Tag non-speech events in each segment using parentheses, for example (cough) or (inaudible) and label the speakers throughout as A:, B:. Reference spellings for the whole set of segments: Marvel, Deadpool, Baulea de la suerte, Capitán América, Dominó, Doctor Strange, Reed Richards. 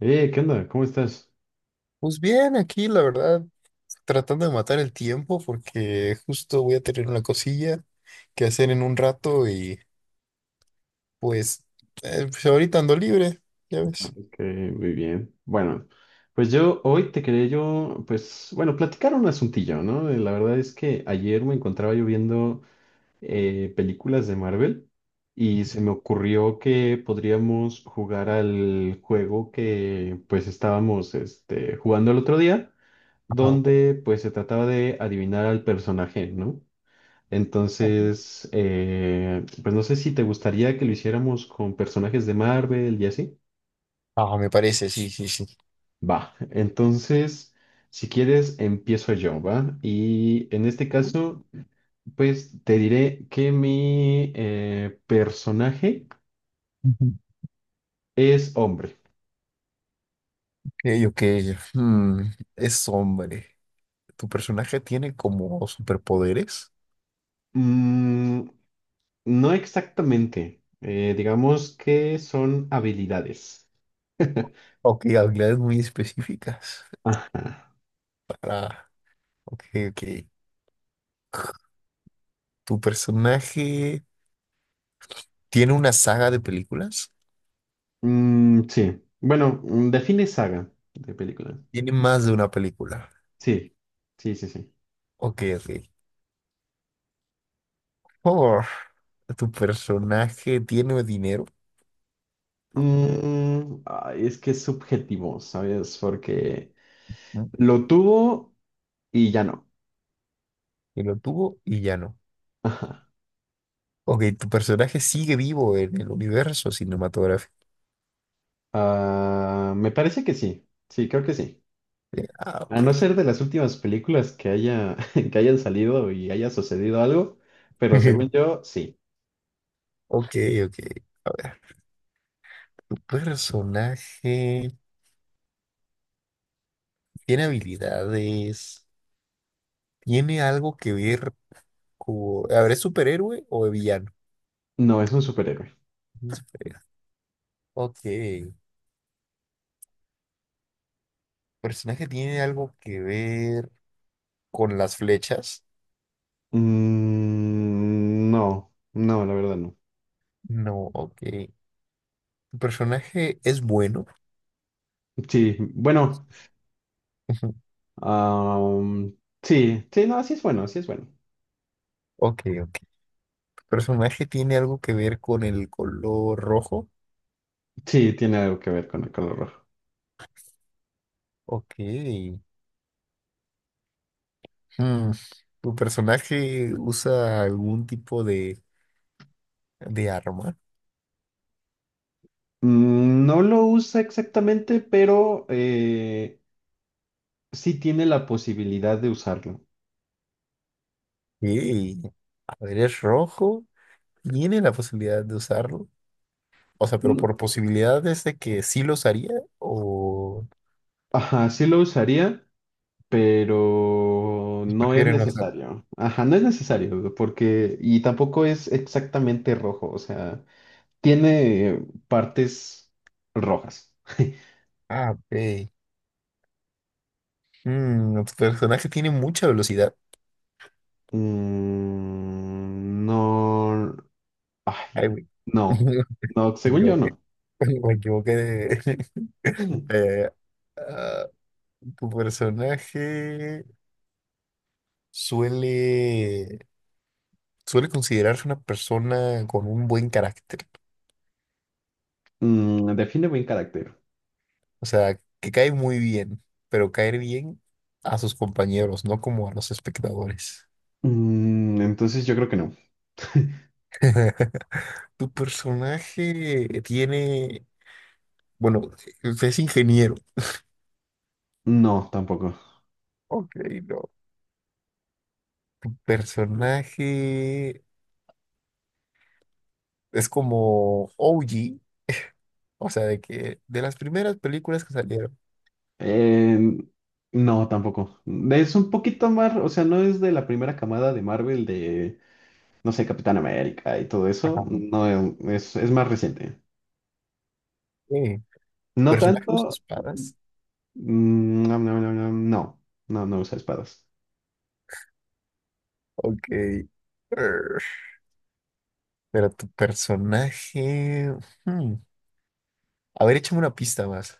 A: ¿Qué onda? ¿Cómo estás?
B: Pues bien, aquí la verdad, tratando de matar el tiempo porque justo voy a tener una cosilla que hacer en un rato y pues, pues ahorita ando libre, ya ves.
A: Ok, muy bien. Bueno, pues yo hoy te quería yo, pues, bueno, platicar un asuntillo, ¿no? La verdad es que ayer me encontraba yo viendo películas de Marvel y se me ocurrió que podríamos jugar al juego que pues estábamos jugando el otro día,
B: Ajá.
A: donde pues se trataba de adivinar al personaje, ¿no?
B: Ujú.
A: Entonces, pues no sé si te gustaría que lo hiciéramos con personajes de Marvel y así.
B: Ah, me parece, sí, sí, sí.
A: Va, entonces, si quieres, empiezo yo, ¿va? Y en este caso, pues te diré que mi personaje
B: Ujú.
A: es hombre.
B: Ok, ok. hmm, Es hombre. ¿Tu personaje tiene como superpoderes?
A: Mm, no exactamente, digamos que son habilidades. (laughs)
B: Ok, habilidades muy específicas. Ah, ok, ok. ¿Tu personaje tiene una saga de películas?
A: Mm, sí, bueno, mm, define saga de película.
B: Tiene más de una película.
A: Sí, sí.
B: Ok, ok. Oh, tu personaje tiene dinero.
A: Mm, ay, es que es subjetivo, ¿sabes? Porque
B: ¿Mm?
A: lo tuvo y ya no.
B: Que lo tuvo y ya no.
A: (laughs) Ajá.
B: Ok, tu personaje sigue vivo en el universo cinematográfico.
A: Ah, me parece que sí. Sí, creo que sí.
B: Ah,
A: A
B: ok.
A: no ser de las últimas películas que haya, (laughs) que hayan salido y haya sucedido algo, pero según
B: (laughs)
A: yo, sí.
B: Ok, ok. A ver, tu personaje tiene habilidades, tiene algo que ver con... A ver, ¿es superhéroe o villano?
A: No, es un superhéroe.
B: Es superhéroe. Ok. ¿Personaje tiene algo que ver con las flechas?
A: Mm, no, la verdad no.
B: No, ok. ¿Tu personaje es bueno?
A: Sí, bueno,
B: (laughs)
A: ah, sí, sí, no, así es bueno, así es bueno.
B: Ok, ok. ¿Personaje tiene algo que ver con el color rojo?
A: Sí, tiene algo que ver con el color rojo.
B: Ok. Hmm, ¿tu personaje usa algún tipo de arma?
A: Mm, no lo usa exactamente, pero sí tiene la posibilidad de usarlo.
B: Ok. A ver, es rojo. ¿Tiene la posibilidad de usarlo? O sea, pero
A: No-
B: por posibilidades de que sí lo usaría o
A: Ajá, sí lo usaría, pero no es
B: prefiere no usarlo.
A: necesario. Ajá, no es necesario, porque, y tampoco es exactamente rojo, o sea, tiene partes rojas. (laughs)
B: Ah, ok. Hmm, ¿tu personaje tiene mucha velocidad?
A: Mm, no, ay,
B: Ay, güey.
A: no,
B: (laughs)
A: no,
B: Me
A: según yo
B: equivoqué.
A: no.
B: (laughs) Me equivoqué de- (laughs) Eh, Tu personaje suele, suele considerarse una persona con un buen carácter,
A: Mm, define buen carácter.
B: o sea, que cae muy bien, pero caer bien a sus compañeros, no como a los espectadores.
A: Mm, entonces yo creo que no.
B: (laughs) Tu personaje tiene, bueno, es ingeniero.
A: No, tampoco.
B: Ok, no. Personaje es como OG, o sea, de que de las primeras películas que salieron.
A: Eh, no, tampoco. Es un poquito más, o sea, no es de la primera camada de Marvel de, no sé, Capitán América y todo
B: Ajá.
A: eso. No, es más reciente.
B: Ok.
A: No
B: Personaje usa
A: tanto.
B: espadas.
A: Mm, no, no usa espadas.
B: Ok. Err, Pero tu personaje. hmm, A ver, échame una pista más.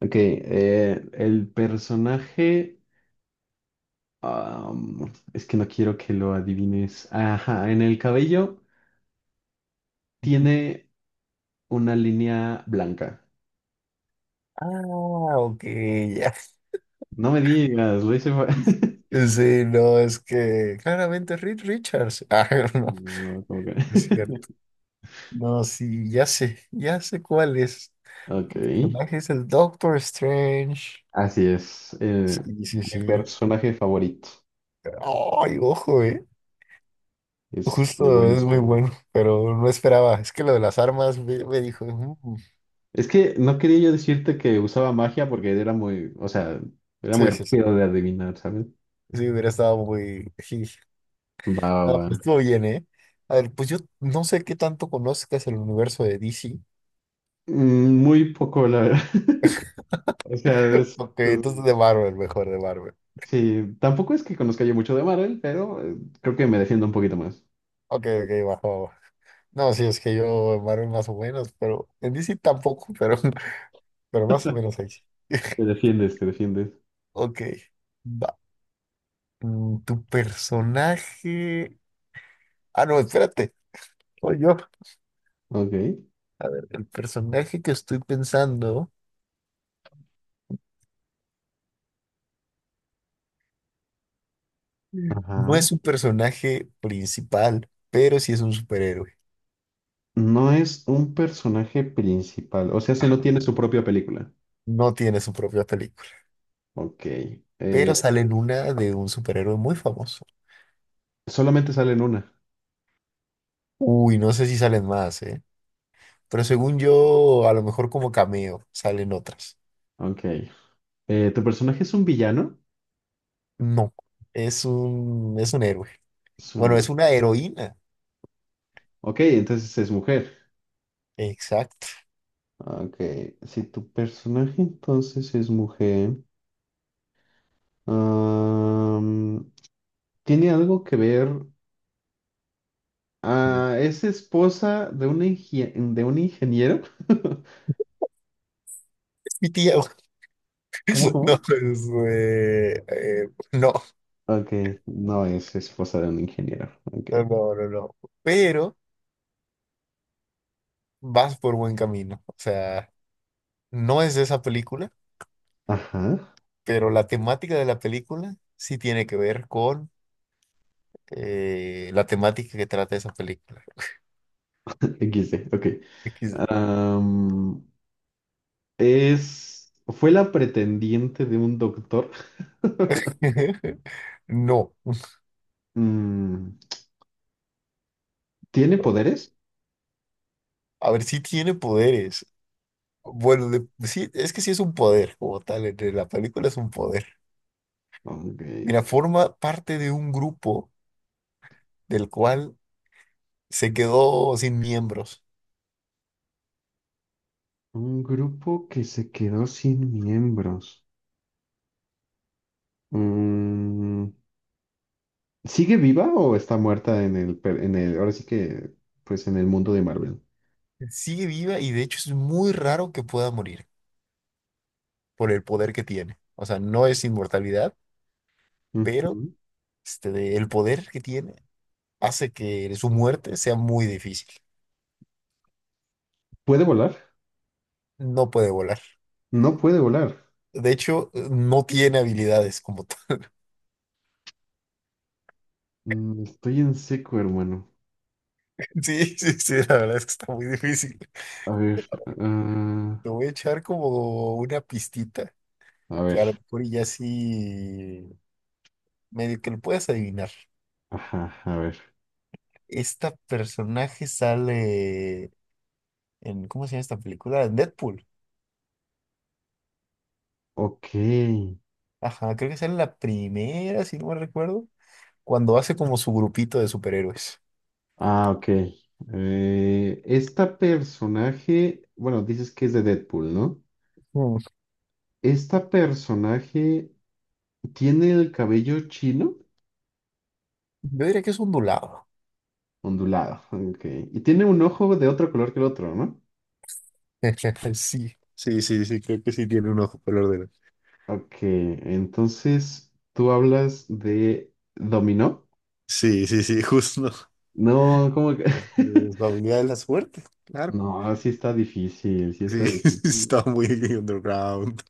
A: Ok, el personaje, es que no quiero que lo adivines. Ajá, en el cabello tiene una línea blanca.
B: Ah, ok, ya.
A: No me digas, lo hice. (laughs)
B: Sí, no, es que claramente Reed Richards. (laughs) Ah, no,
A: No, como que...
B: no es cierto.
A: (laughs)
B: No, sí, ya sé cuál es.
A: Ok,
B: El personaje es el Doctor Strange.
A: así es. Eh,
B: Sí, sí,
A: mi
B: sí.
A: personaje favorito.
B: Ay, ojo, eh.
A: Es muy
B: Justo
A: bueno,
B: es muy
A: sí.
B: bueno, pero no esperaba. Es que lo de las armas me dijo. "Mm".
A: Es que no quería yo decirte que usaba magia porque era muy, o sea, era muy
B: Sí, sí, sí.
A: rápido de adivinar, ¿sabes?
B: Sí, hubiera estado muy. (laughs)
A: Va, va,
B: Ah, pues
A: va.
B: estuvo bien, ¿eh? A ver, pues yo no sé qué tanto conozcas el universo de DC.
A: Mm, muy poco, la verdad. (laughs) O sea,
B: Ok,
A: es-
B: entonces de Marvel, mejor, de Marvel.
A: sí, tampoco es que conozca yo mucho de Marvel, pero creo que me defiendo un poquito más.
B: Ok, ok, bajo. Bajo. No, sí, es que yo en Marvel más o menos, pero en DC tampoco, pero, (laughs) pero más o menos ahí. Sí. (laughs)
A: Te defiendes, te defiendes.
B: Ok, va. Mm, tu personaje. Ah, no, espérate. Soy yo.
A: Ok.
B: El personaje que estoy pensando no
A: Ajá.
B: es un personaje principal, pero sí es un superhéroe.
A: No es un personaje principal, o sea, se no tiene su propia película.
B: No tiene su propia película.
A: Ok.
B: Pero
A: Eh,
B: salen una de un superhéroe muy famoso.
A: solamente sale en una.
B: Uy, no sé si salen más, ¿eh? Pero según yo, a lo mejor como cameo salen otras.
A: Ok. ¿Tu personaje es un villano?
B: No, es un héroe.
A: Es un...
B: Bueno, es una heroína.
A: ok, entonces es mujer.
B: Exacto.
A: Ok. Si tu personaje entonces es mujer, am, ¿tiene algo que ver? Ah, ¿es esposa de un, de un ingeniero? (laughs)
B: Es mi tía. (laughs)
A: ¿Cómo,
B: No,
A: cómo?
B: es, no,
A: Ok, no es esposa de un ingeniero. Ok.
B: no, no, no, no. Pero vas por buen camino. O sea, no es de esa película,
A: Ajá.
B: pero la temática de la película sí tiene que ver con la temática que trata esa película.
A: (laughs) XD, ok.
B: (laughs)
A: Am, fue la pretendiente de un doctor.
B: (laughs) No,
A: Mm, ¿tiene
B: no.
A: poderes?
B: A ver, si tiene poderes. Bueno, sí, es que sí es un poder, como tal, entre la película es un poder.
A: Ok.
B: Mira, forma parte de un grupo del cual se quedó sin miembros.
A: Un grupo que se quedó sin miembros. Mm, ¿sigue viva o está muerta en en el, ahora sí que, pues en el mundo de Marvel?
B: Sigue viva y de hecho es muy raro que pueda morir por el poder que tiene. O sea, no es inmortalidad, pero
A: Ujú.
B: el poder que tiene hace que su muerte sea muy difícil.
A: ¿Puede volar?
B: No puede volar.
A: No puede volar.
B: De hecho, no tiene habilidades como.
A: Mm, estoy en seco, hermano.
B: Sí, sí, sí, la verdad es que está muy difícil.
A: A ver, ah,
B: Te voy a echar como una pistita,
A: a
B: que
A: ver,
B: a lo mejor ya sí medio que lo puedas adivinar.
A: ajá, a ver.
B: Esta personaje sale en, ¿cómo se llama esta película? En Deadpool.
A: Ok.
B: Ajá, creo que sale la primera, si no me recuerdo, cuando hace como su grupito de superhéroes.
A: Ah, ok. Esta personaje, bueno, dices que es de Deadpool, ¿no?
B: Mm,
A: Esta personaje tiene el cabello chino,
B: yo diría que es ondulado.
A: ondulado, ok. Y tiene un ojo de otro color que el otro, ¿no?
B: (laughs) Sí, sí, sí, sí, creo que sí tiene un ojo color de...
A: Ok, entonces tú hablas de Dominó.
B: Sí, sí, sí, (laughs) justo.
A: No, ¿cómo que? (laughs)
B: Es Baulea de la suerte, claro.
A: No, sí está difícil, sí
B: Sí,
A: está
B: (laughs)
A: difícil.
B: estaba muy underground.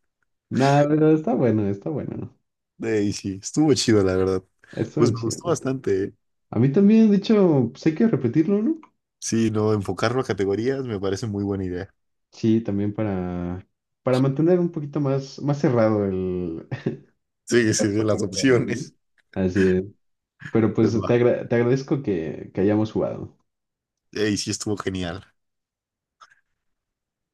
A: Nada, pero está bueno, está bueno, ¿no?
B: Ey, sí, estuvo chido, la verdad.
A: Eso
B: Pues
A: es
B: me gustó
A: chido.
B: bastante, eh.
A: A mí también, de hecho, pues hay que repetirlo, ¿no?
B: Sí, no, enfocarlo a categorías me parece muy buena idea.
A: Sí, también para mantener un poquito más, más cerrado el... (laughs)
B: Sí,
A: Más
B: sí, sí, las
A: posibilidades, ¿no?
B: opciones.
A: Así es. Pero pues
B: Pues va.
A: te agradezco que hayamos jugado.
B: Ey, sí, estuvo genial.